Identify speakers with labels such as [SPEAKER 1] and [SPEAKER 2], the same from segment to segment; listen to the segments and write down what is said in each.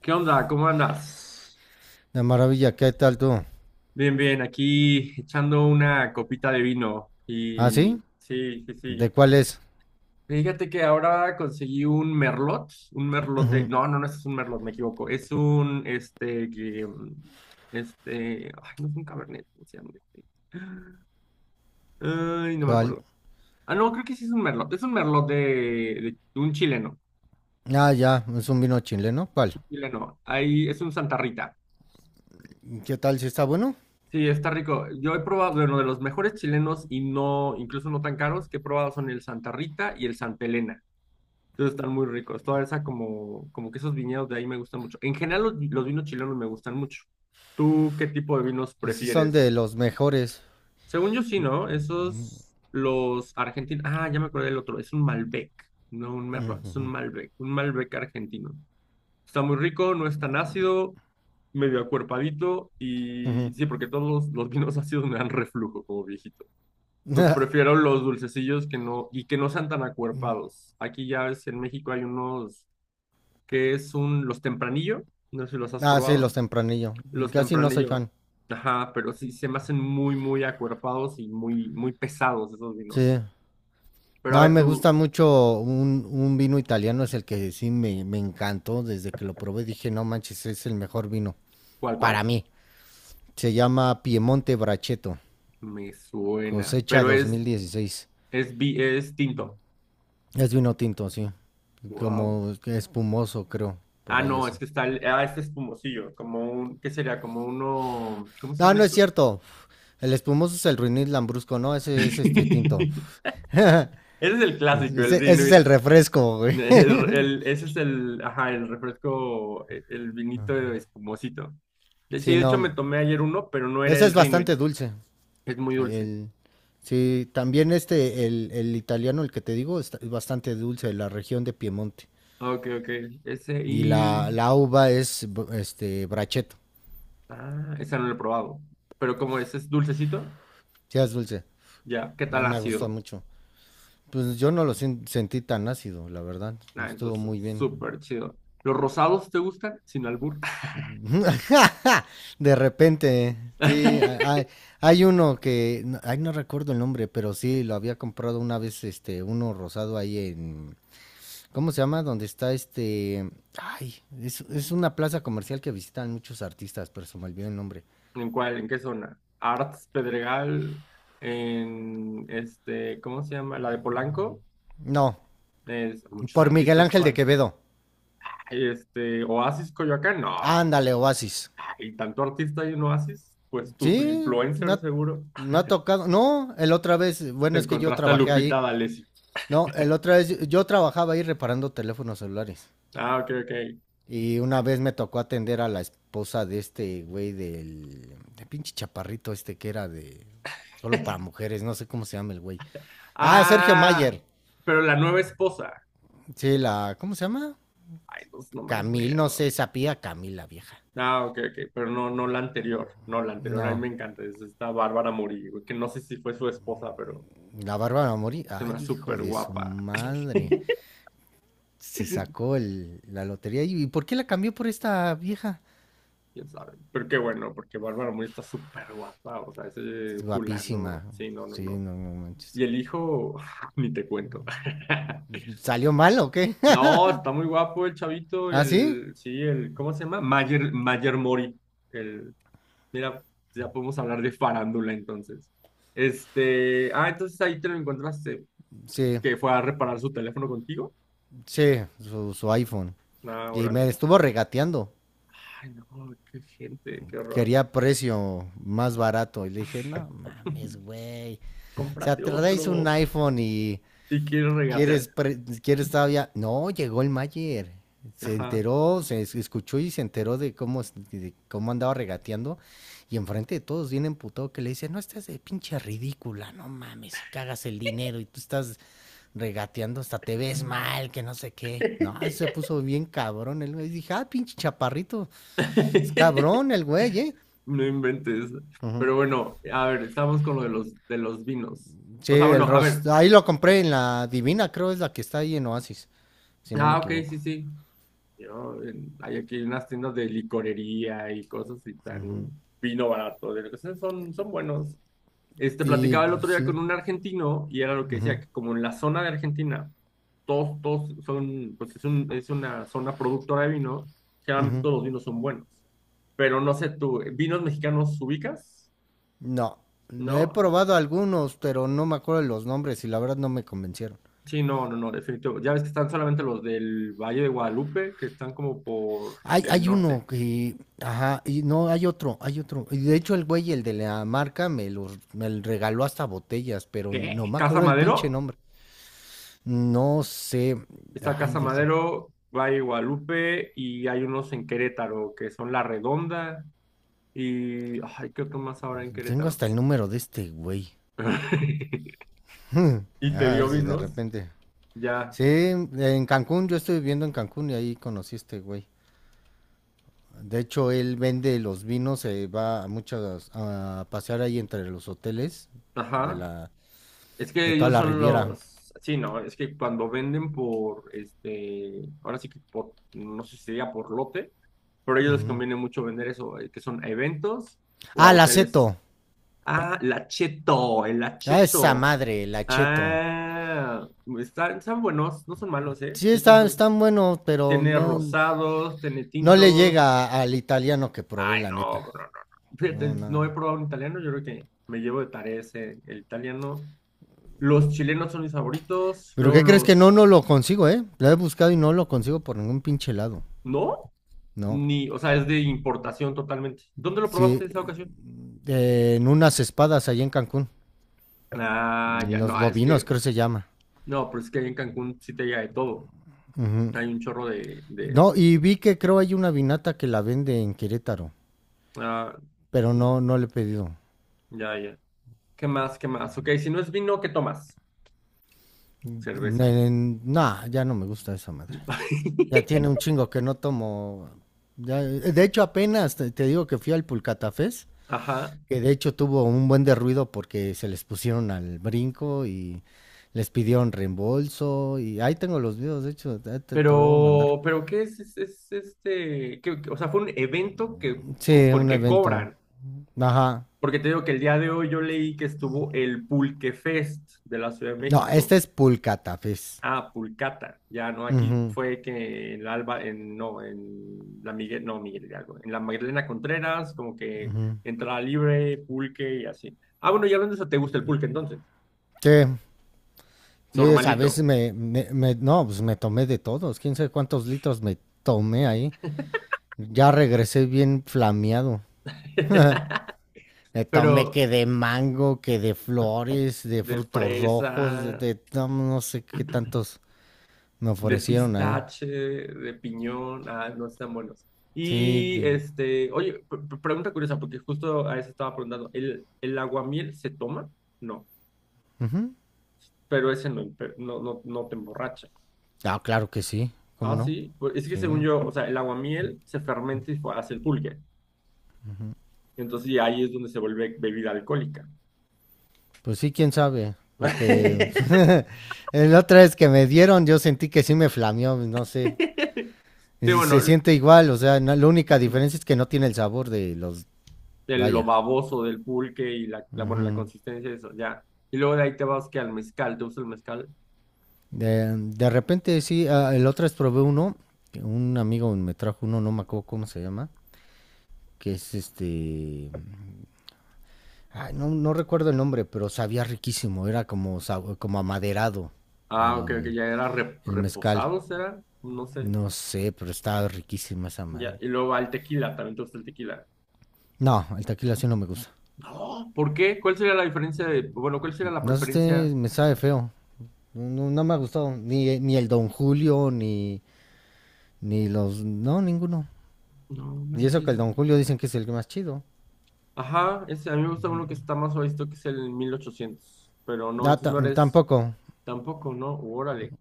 [SPEAKER 1] ¿Qué onda? ¿Cómo andas?
[SPEAKER 2] De maravilla, ¿qué tal tú?
[SPEAKER 1] Bien, bien, aquí echando una copita de vino.
[SPEAKER 2] ¿Ah, sí?
[SPEAKER 1] Y sí, sí,
[SPEAKER 2] ¿De
[SPEAKER 1] sí.
[SPEAKER 2] cuál es?
[SPEAKER 1] Fíjate que ahora conseguí un merlot de... No, no, no, este es un merlot, me equivoco. Es un, ay, no, es un cabernet. ¿Cómo se llama este? Ay, no me
[SPEAKER 2] ¿Cuál?
[SPEAKER 1] acuerdo. Ah, no, creo que sí es un merlot. Es un merlot de un chileno,
[SPEAKER 2] Ah, ya, es un vino chileno. ¿Cuál?
[SPEAKER 1] un chileno. Ahí es un Santa Rita.
[SPEAKER 2] ¿Qué tal? ¿Si está bueno?
[SPEAKER 1] Sí, está rico. Yo he probado, bueno, de los mejores chilenos y no, incluso no tan caros, que he probado son el Santa Rita y el Santa Elena. Entonces están muy ricos. Toda esa como que esos viñedos de ahí me gustan mucho. En general los vinos chilenos me gustan mucho. ¿Tú qué tipo de vinos
[SPEAKER 2] Pues sí, son de
[SPEAKER 1] prefieres?
[SPEAKER 2] los mejores.
[SPEAKER 1] Según yo sí, ¿no? Esos, los argentinos. Ah, ya me acordé del otro. Es un Malbec, no un Merlot, es un Malbec argentino. Está muy rico, no es tan ácido, medio acuerpadito.
[SPEAKER 2] Ujú.
[SPEAKER 1] Y sí, porque todos los vinos ácidos me dan reflujo como viejito. Entonces prefiero los dulcecillos que no, y que no sean tan acuerpados. Aquí ya ves, en México hay unos que es un, los tempranillo, no sé si los has
[SPEAKER 2] Ah, sí, los
[SPEAKER 1] probado,
[SPEAKER 2] tempranillo.
[SPEAKER 1] los
[SPEAKER 2] Casi no soy
[SPEAKER 1] tempranillo,
[SPEAKER 2] fan.
[SPEAKER 1] ajá, pero sí se me hacen muy, muy acuerpados y muy, muy pesados esos vinos.
[SPEAKER 2] Sí.
[SPEAKER 1] Pero a
[SPEAKER 2] No,
[SPEAKER 1] ver
[SPEAKER 2] me
[SPEAKER 1] tú,
[SPEAKER 2] gusta mucho un vino italiano, es el que sí me encantó. Desde que lo probé dije, no manches, es el mejor vino.
[SPEAKER 1] ¿cuál,
[SPEAKER 2] Para
[SPEAKER 1] cuál?
[SPEAKER 2] mí. Se llama Piemonte Brachetto,
[SPEAKER 1] Me suena,
[SPEAKER 2] cosecha
[SPEAKER 1] pero
[SPEAKER 2] 2016.
[SPEAKER 1] es, es tinto.
[SPEAKER 2] Es vino tinto, sí.
[SPEAKER 1] Wow.
[SPEAKER 2] Como espumoso, creo. Por
[SPEAKER 1] Ah,
[SPEAKER 2] ahí
[SPEAKER 1] no, es
[SPEAKER 2] así.
[SPEAKER 1] que está el, ah, este espumosillo, como un, ¿qué sería? Como uno, ¿cómo se
[SPEAKER 2] No,
[SPEAKER 1] llaman
[SPEAKER 2] no es
[SPEAKER 1] estos?
[SPEAKER 2] cierto. El espumoso es el ruinil lambrusco, ¿no? Ese es este tinto.
[SPEAKER 1] Ese es el clásico,
[SPEAKER 2] Ese,
[SPEAKER 1] el
[SPEAKER 2] ese es el
[SPEAKER 1] Rinuit.
[SPEAKER 2] refresco, güey.
[SPEAKER 1] Ese es el, ajá, el refresco, el vinito espumosito. De hecho, sí,
[SPEAKER 2] Sí,
[SPEAKER 1] de hecho me
[SPEAKER 2] no.
[SPEAKER 1] tomé ayer uno, pero no era
[SPEAKER 2] Ese
[SPEAKER 1] el
[SPEAKER 2] es
[SPEAKER 1] Rinuit,
[SPEAKER 2] bastante dulce.
[SPEAKER 1] es muy dulce.
[SPEAKER 2] El, sí, también el italiano, el que te digo, es bastante dulce de la región de Piemonte.
[SPEAKER 1] Ah, ok, ok, ese
[SPEAKER 2] Y
[SPEAKER 1] y,
[SPEAKER 2] la uva es este bracheto.
[SPEAKER 1] ah, ese no lo he probado, pero como ese es dulcecito,
[SPEAKER 2] Sí, es dulce.
[SPEAKER 1] ya, ¿qué
[SPEAKER 2] Ah,
[SPEAKER 1] tal
[SPEAKER 2] me gusta
[SPEAKER 1] ácido?
[SPEAKER 2] mucho. Pues yo no lo sentí tan ácido, la verdad.
[SPEAKER 1] Ah,
[SPEAKER 2] Estuvo
[SPEAKER 1] entonces,
[SPEAKER 2] muy bien.
[SPEAKER 1] súper chido. ¿Los rosados te gustan? Sin albur.
[SPEAKER 2] De repente, sí, hay uno que, ay, no recuerdo el nombre, pero sí, lo había comprado una vez, uno rosado ahí en, ¿cómo se llama? Donde está ay, es una plaza comercial que visitan muchos artistas, pero se me olvidó el nombre.
[SPEAKER 1] ¿En cuál? ¿En qué zona? Arts Pedregal, en este, ¿cómo se llama? La de Polanco.
[SPEAKER 2] No,
[SPEAKER 1] Es, muchos
[SPEAKER 2] por Miguel
[SPEAKER 1] artistas,
[SPEAKER 2] Ángel de
[SPEAKER 1] ¿cuál?
[SPEAKER 2] Quevedo.
[SPEAKER 1] Ay, este, Oasis Coyoacán, no.
[SPEAKER 2] Ándale, Oasis.
[SPEAKER 1] Y tanto artista y en Oasis, pues tú, tu
[SPEAKER 2] Sí,
[SPEAKER 1] influencer seguro.
[SPEAKER 2] me ha tocado, no, el otra vez,
[SPEAKER 1] Te
[SPEAKER 2] bueno, es que yo
[SPEAKER 1] encontraste a
[SPEAKER 2] trabajé
[SPEAKER 1] Lupita
[SPEAKER 2] ahí.
[SPEAKER 1] D'Alessio.
[SPEAKER 2] No, el otra vez yo trabajaba ahí reparando teléfonos celulares.
[SPEAKER 1] Ah, ok, ok.
[SPEAKER 2] Y una vez me tocó atender a la esposa de este güey del de pinche chaparrito este que era de solo para mujeres, no sé cómo se llama el güey. Ah, Sergio
[SPEAKER 1] Ah,
[SPEAKER 2] Mayer.
[SPEAKER 1] pero la nueva esposa.
[SPEAKER 2] Sí, la ¿cómo se llama?
[SPEAKER 1] Ay, no, no me
[SPEAKER 2] Camil, no
[SPEAKER 1] acuerdo.
[SPEAKER 2] sé, sapía Camil la vieja.
[SPEAKER 1] Ah, ok, ok, pero no, no la anterior, no la anterior, a mí
[SPEAKER 2] No,
[SPEAKER 1] me encanta, es esta Bárbara Murillo, que no sé si fue su esposa, pero
[SPEAKER 2] la Bárbara Mori.
[SPEAKER 1] se me
[SPEAKER 2] Ay,
[SPEAKER 1] hace
[SPEAKER 2] hijo
[SPEAKER 1] súper
[SPEAKER 2] de su
[SPEAKER 1] guapa.
[SPEAKER 2] madre. Se sacó el, la lotería. ¿Y por qué la cambió por esta vieja?
[SPEAKER 1] Quién sabe. Pero qué bueno, porque Bárbara Mori está súper guapa. O sea, ese
[SPEAKER 2] Guapísima.
[SPEAKER 1] fulano. Sí, no, no,
[SPEAKER 2] Sí,
[SPEAKER 1] no.
[SPEAKER 2] no, no manches.
[SPEAKER 1] Y el hijo, ni te cuento.
[SPEAKER 2] ¿Salió mal o qué?
[SPEAKER 1] No, está muy guapo el chavito,
[SPEAKER 2] ¿Ah, sí?
[SPEAKER 1] el, sí, el, ¿cómo se llama? Mayer, Mayer Mori. El, mira, ya podemos hablar de farándula entonces. Entonces ahí te lo encontraste,
[SPEAKER 2] Sí,
[SPEAKER 1] que fue a reparar su teléfono contigo.
[SPEAKER 2] sí, su iPhone.
[SPEAKER 1] Ah,
[SPEAKER 2] Y me
[SPEAKER 1] órale.
[SPEAKER 2] estuvo regateando.
[SPEAKER 1] Ay, no, qué gente, qué horror.
[SPEAKER 2] Quería precio más barato. Y le dije, no mames, güey. O sea,
[SPEAKER 1] Cómprate
[SPEAKER 2] traéis un
[SPEAKER 1] otro.
[SPEAKER 2] iPhone y
[SPEAKER 1] Y quiero regatear.
[SPEAKER 2] ¿Quieres todavía? No, llegó el Mayer. Se
[SPEAKER 1] Ajá.
[SPEAKER 2] enteró, se escuchó y se enteró de cómo andaba regateando. Y enfrente de todos viene emputado que le dice, no estás de pinche ridícula, no mames, y cagas el dinero y tú estás regateando, hasta te ves mal, que no sé qué. No, se puso bien cabrón el güey. Dije, ah, pinche chaparrito, es cabrón el güey, ¿eh?
[SPEAKER 1] No inventes.
[SPEAKER 2] Ujú.
[SPEAKER 1] Pero bueno, a ver, estamos con lo de de los vinos.
[SPEAKER 2] Sí,
[SPEAKER 1] O sea, bueno,
[SPEAKER 2] el
[SPEAKER 1] a ver.
[SPEAKER 2] Ross. Ahí lo compré en la Divina, creo es la que está ahí en Oasis, si no me
[SPEAKER 1] Ah, ok,
[SPEAKER 2] equivoco.
[SPEAKER 1] sí, sí. Yo, hay aquí unas tiendas de licorería y cosas y tan vino barato. De lo que sea, son, son buenos.
[SPEAKER 2] Y
[SPEAKER 1] Platicaba el
[SPEAKER 2] pues,
[SPEAKER 1] otro día
[SPEAKER 2] sí.
[SPEAKER 1] con un argentino y era lo que decía, que como en la zona de Argentina todos son, pues es, un, es una zona productora de vino, generalmente
[SPEAKER 2] Ujú.
[SPEAKER 1] todos los vinos son buenos, pero no sé tú, ¿vinos mexicanos ubicas?
[SPEAKER 2] No, le he
[SPEAKER 1] ¿No?
[SPEAKER 2] probado algunos, pero no me acuerdo de los nombres y la verdad no me convencieron.
[SPEAKER 1] Sí, no, no, no, definitivo. Ya ves que están solamente los del Valle de Guadalupe, que están como por
[SPEAKER 2] Hay,
[SPEAKER 1] el
[SPEAKER 2] hay
[SPEAKER 1] norte.
[SPEAKER 2] uno que, ajá, y no, hay otro, hay otro. Y de hecho el güey, el de la marca, me regaló hasta botellas, pero
[SPEAKER 1] ¿Qué?
[SPEAKER 2] no me
[SPEAKER 1] ¿Casa
[SPEAKER 2] acuerdo del pinche
[SPEAKER 1] Madero?
[SPEAKER 2] nombre. No sé,
[SPEAKER 1] Está
[SPEAKER 2] ay,
[SPEAKER 1] Casa Madero, Valle de Guadalupe y hay unos en Querétaro que son La Redonda y... Ay, ¿qué otro más ahora en
[SPEAKER 2] tengo
[SPEAKER 1] Querétaro?
[SPEAKER 2] hasta el número de este güey.
[SPEAKER 1] Y te
[SPEAKER 2] A ver
[SPEAKER 1] dio
[SPEAKER 2] si de
[SPEAKER 1] vinos,
[SPEAKER 2] repente.
[SPEAKER 1] ya.
[SPEAKER 2] Sí, en Cancún, yo estoy viviendo en Cancún y ahí conocí a este güey. De hecho, él vende los vinos, se va a muchas a pasear ahí entre los hoteles de
[SPEAKER 1] Ajá.
[SPEAKER 2] la
[SPEAKER 1] Es que
[SPEAKER 2] de toda
[SPEAKER 1] ellos
[SPEAKER 2] la
[SPEAKER 1] son
[SPEAKER 2] Riviera.
[SPEAKER 1] los, sí, no, es que cuando venden por, ahora sí que por, no sé si sería por lote, pero a ellos les
[SPEAKER 2] Ujú.
[SPEAKER 1] conviene mucho vender eso, que son a eventos o a
[SPEAKER 2] Ah, la
[SPEAKER 1] hoteles.
[SPEAKER 2] Aceto.
[SPEAKER 1] Ah, la Cheto, el
[SPEAKER 2] Ah, esa
[SPEAKER 1] Acheto.
[SPEAKER 2] madre, la Acheto.
[SPEAKER 1] Ah, están, están buenos, no son malos, ¿eh?
[SPEAKER 2] Sí,
[SPEAKER 1] De hecho,
[SPEAKER 2] están buenos, pero
[SPEAKER 1] tiene
[SPEAKER 2] no,
[SPEAKER 1] rosados, tiene
[SPEAKER 2] no le
[SPEAKER 1] tintos.
[SPEAKER 2] llega al italiano que probé,
[SPEAKER 1] Ay,
[SPEAKER 2] la neta.
[SPEAKER 1] no, bro, no, no.
[SPEAKER 2] No,
[SPEAKER 1] Fíjate, no he
[SPEAKER 2] no.
[SPEAKER 1] probado un italiano, yo creo que me llevo de tarea ese, el italiano. Los chilenos son mis favoritos,
[SPEAKER 2] Pero
[SPEAKER 1] luego
[SPEAKER 2] ¿qué crees que no,
[SPEAKER 1] los
[SPEAKER 2] no lo consigo, eh? Lo he buscado y no lo consigo por ningún pinche lado.
[SPEAKER 1] no,
[SPEAKER 2] No.
[SPEAKER 1] ni, o sea, es de importación totalmente. ¿Dónde lo
[SPEAKER 2] Sí,
[SPEAKER 1] probaste esa ocasión?
[SPEAKER 2] en unas espadas allá en Cancún.
[SPEAKER 1] Ah, ya,
[SPEAKER 2] Los
[SPEAKER 1] no, es
[SPEAKER 2] bovinos,
[SPEAKER 1] que,
[SPEAKER 2] creo que se llama.
[SPEAKER 1] no, pero es que ahí en Cancún sí te llega de todo.
[SPEAKER 2] Ujú.
[SPEAKER 1] Hay un chorro de
[SPEAKER 2] No, y vi que creo hay una vinata que la vende en Querétaro,
[SPEAKER 1] ah,
[SPEAKER 2] pero
[SPEAKER 1] mm,
[SPEAKER 2] no le he pedido.
[SPEAKER 1] ya, ya. ¿Qué más, qué más? Ok, si no es vino, ¿qué tomas? Cerveza.
[SPEAKER 2] No, ya no me gusta esa madre. Ya tiene un chingo que no tomo. Ya, de hecho, apenas te digo que fui al Pulcatafés,
[SPEAKER 1] Ajá,
[SPEAKER 2] que de hecho tuvo un buen de ruido porque se les pusieron al brinco y les pidieron reembolso. Y ahí tengo los videos, de hecho, te lo voy a mandar.
[SPEAKER 1] pero ¿qué es este? O sea, fue un evento que,
[SPEAKER 2] Sí, un
[SPEAKER 1] que
[SPEAKER 2] evento.
[SPEAKER 1] cobran.
[SPEAKER 2] Ajá.
[SPEAKER 1] Porque te digo que el día de hoy yo leí que estuvo el Pulque Fest de la Ciudad de
[SPEAKER 2] No,
[SPEAKER 1] México.
[SPEAKER 2] este es Pulcatafés.
[SPEAKER 1] Ah, Pulcata, ya no, aquí
[SPEAKER 2] Ujú.
[SPEAKER 1] fue que en la Alba, en, no, en la Miguel, no, Miguel Hidalgo, en la Magdalena Contreras, como que entrada libre, pulque y así. Ah, bueno, ya hablando de eso, ¿te gusta el pulque entonces?
[SPEAKER 2] Sí, sí, a
[SPEAKER 1] Normalito.
[SPEAKER 2] veces no, pues me tomé de todos, quién sabe cuántos litros me tomé ahí. Ya regresé bien flameado. Me tomé
[SPEAKER 1] Pero
[SPEAKER 2] que de mango, que de flores, de
[SPEAKER 1] de
[SPEAKER 2] frutos rojos,
[SPEAKER 1] fresa,
[SPEAKER 2] no, no sé qué tantos me
[SPEAKER 1] de
[SPEAKER 2] ofrecieron ahí.
[SPEAKER 1] pistache, de piñón, ah, no están buenos.
[SPEAKER 2] Sí,
[SPEAKER 1] Y oye, pregunta curiosa, porque justo a eso estaba preguntando, el aguamiel se toma? No,
[SPEAKER 2] ujú.
[SPEAKER 1] pero ese no, no, no, no te emborracha.
[SPEAKER 2] Ah, claro que sí, ¿cómo
[SPEAKER 1] Ah,
[SPEAKER 2] no?
[SPEAKER 1] sí, pues es que según
[SPEAKER 2] Sí,
[SPEAKER 1] yo, o sea, el aguamiel se fermenta y hace el pulque. Entonces, y ahí es donde se vuelve bebida alcohólica.
[SPEAKER 2] pues sí, quién sabe, porque la otra vez que me dieron yo sentí que sí me flameó, no sé.
[SPEAKER 1] Sí,
[SPEAKER 2] Y se
[SPEAKER 1] bueno,
[SPEAKER 2] siente igual, o sea, la única diferencia es que no tiene el sabor de los...
[SPEAKER 1] el, lo
[SPEAKER 2] Vaya.
[SPEAKER 1] baboso del pulque y bueno, la
[SPEAKER 2] Ujú.
[SPEAKER 1] consistencia de eso, ya. Y luego de ahí te vas que al mezcal, ¿te gusta el mezcal?
[SPEAKER 2] De repente, sí, ah, el otro es probé uno, que un amigo me trajo uno, no me acuerdo cómo se llama, que es este... ay, no, no recuerdo el nombre, pero sabía riquísimo, era como, como amaderado
[SPEAKER 1] Ah, ok, que
[SPEAKER 2] el,
[SPEAKER 1] ya era
[SPEAKER 2] el mezcal.
[SPEAKER 1] reposado, ¿será? No sé,
[SPEAKER 2] No sé, pero estaba riquísima esa
[SPEAKER 1] ya.
[SPEAKER 2] madre.
[SPEAKER 1] Y luego al tequila, también te gusta el tequila.
[SPEAKER 2] No, el tequila así no me gusta.
[SPEAKER 1] No, ¿por qué? ¿Cuál sería la diferencia de, bueno, cuál sería la
[SPEAKER 2] No sé,
[SPEAKER 1] preferencia?
[SPEAKER 2] me sabe feo. No, no me ha gustado. Ni el Don Julio, ni los. No, ninguno.
[SPEAKER 1] No
[SPEAKER 2] Y eso que
[SPEAKER 1] manches.
[SPEAKER 2] el Don Julio dicen que es el más chido.
[SPEAKER 1] Ajá, ese, a mí me gusta uno que está más visto que es el 1800, pero no,
[SPEAKER 2] Ah,
[SPEAKER 1] entonces no eres
[SPEAKER 2] tampoco.
[SPEAKER 1] tampoco, ¿no? Órale.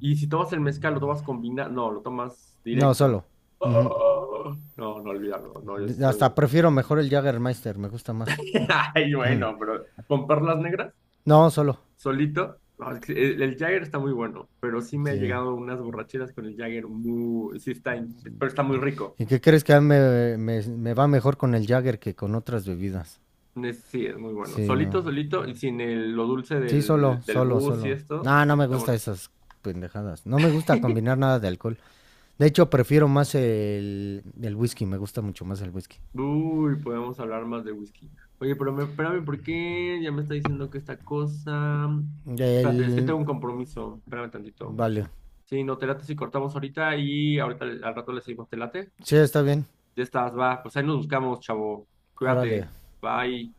[SPEAKER 1] Y si tomas el mezcal, lo tomas combinado, no, lo tomas
[SPEAKER 2] No,
[SPEAKER 1] directo.
[SPEAKER 2] solo. Ujú.
[SPEAKER 1] Oh, no, no olvidarlo, no, yo sí soy...
[SPEAKER 2] Hasta
[SPEAKER 1] bien.
[SPEAKER 2] prefiero mejor el Jaggermeister, me gusta más.
[SPEAKER 1] Ay,
[SPEAKER 2] Ujú.
[SPEAKER 1] bueno, pero con perlas negras,
[SPEAKER 2] No, solo.
[SPEAKER 1] solito, no, es que el Jagger está muy bueno, pero sí me ha
[SPEAKER 2] Sí.
[SPEAKER 1] llegado unas borracheras con el Jagger muy, sí está, pero está muy rico.
[SPEAKER 2] ¿Y qué crees que a mí me va mejor con el Jagger que con otras bebidas?
[SPEAKER 1] Sí, es muy bueno.
[SPEAKER 2] Sí, no.
[SPEAKER 1] Solito, solito, y sin lo dulce
[SPEAKER 2] Sí, solo,
[SPEAKER 1] del
[SPEAKER 2] solo,
[SPEAKER 1] bus y
[SPEAKER 2] solo.
[SPEAKER 1] esto,
[SPEAKER 2] No, no
[SPEAKER 1] sí
[SPEAKER 2] me
[SPEAKER 1] está
[SPEAKER 2] gusta
[SPEAKER 1] bueno.
[SPEAKER 2] esas pendejadas. No me gusta combinar nada de alcohol. De hecho, prefiero más el whisky, me gusta mucho más el whisky.
[SPEAKER 1] Uy, podemos hablar más de whisky. Oye, pero espérame, ¿por qué ya me está diciendo que esta cosa? Espérate, es que tengo un
[SPEAKER 2] El...
[SPEAKER 1] compromiso. Espérame tantito.
[SPEAKER 2] Vale.
[SPEAKER 1] Sí, no te late si cortamos ahorita y ahorita al rato le seguimos, ¿te late?
[SPEAKER 2] Sí, está bien.
[SPEAKER 1] Ya estás, va. Pues ahí nos buscamos, chavo.
[SPEAKER 2] Órale.
[SPEAKER 1] Cuídate. Bye.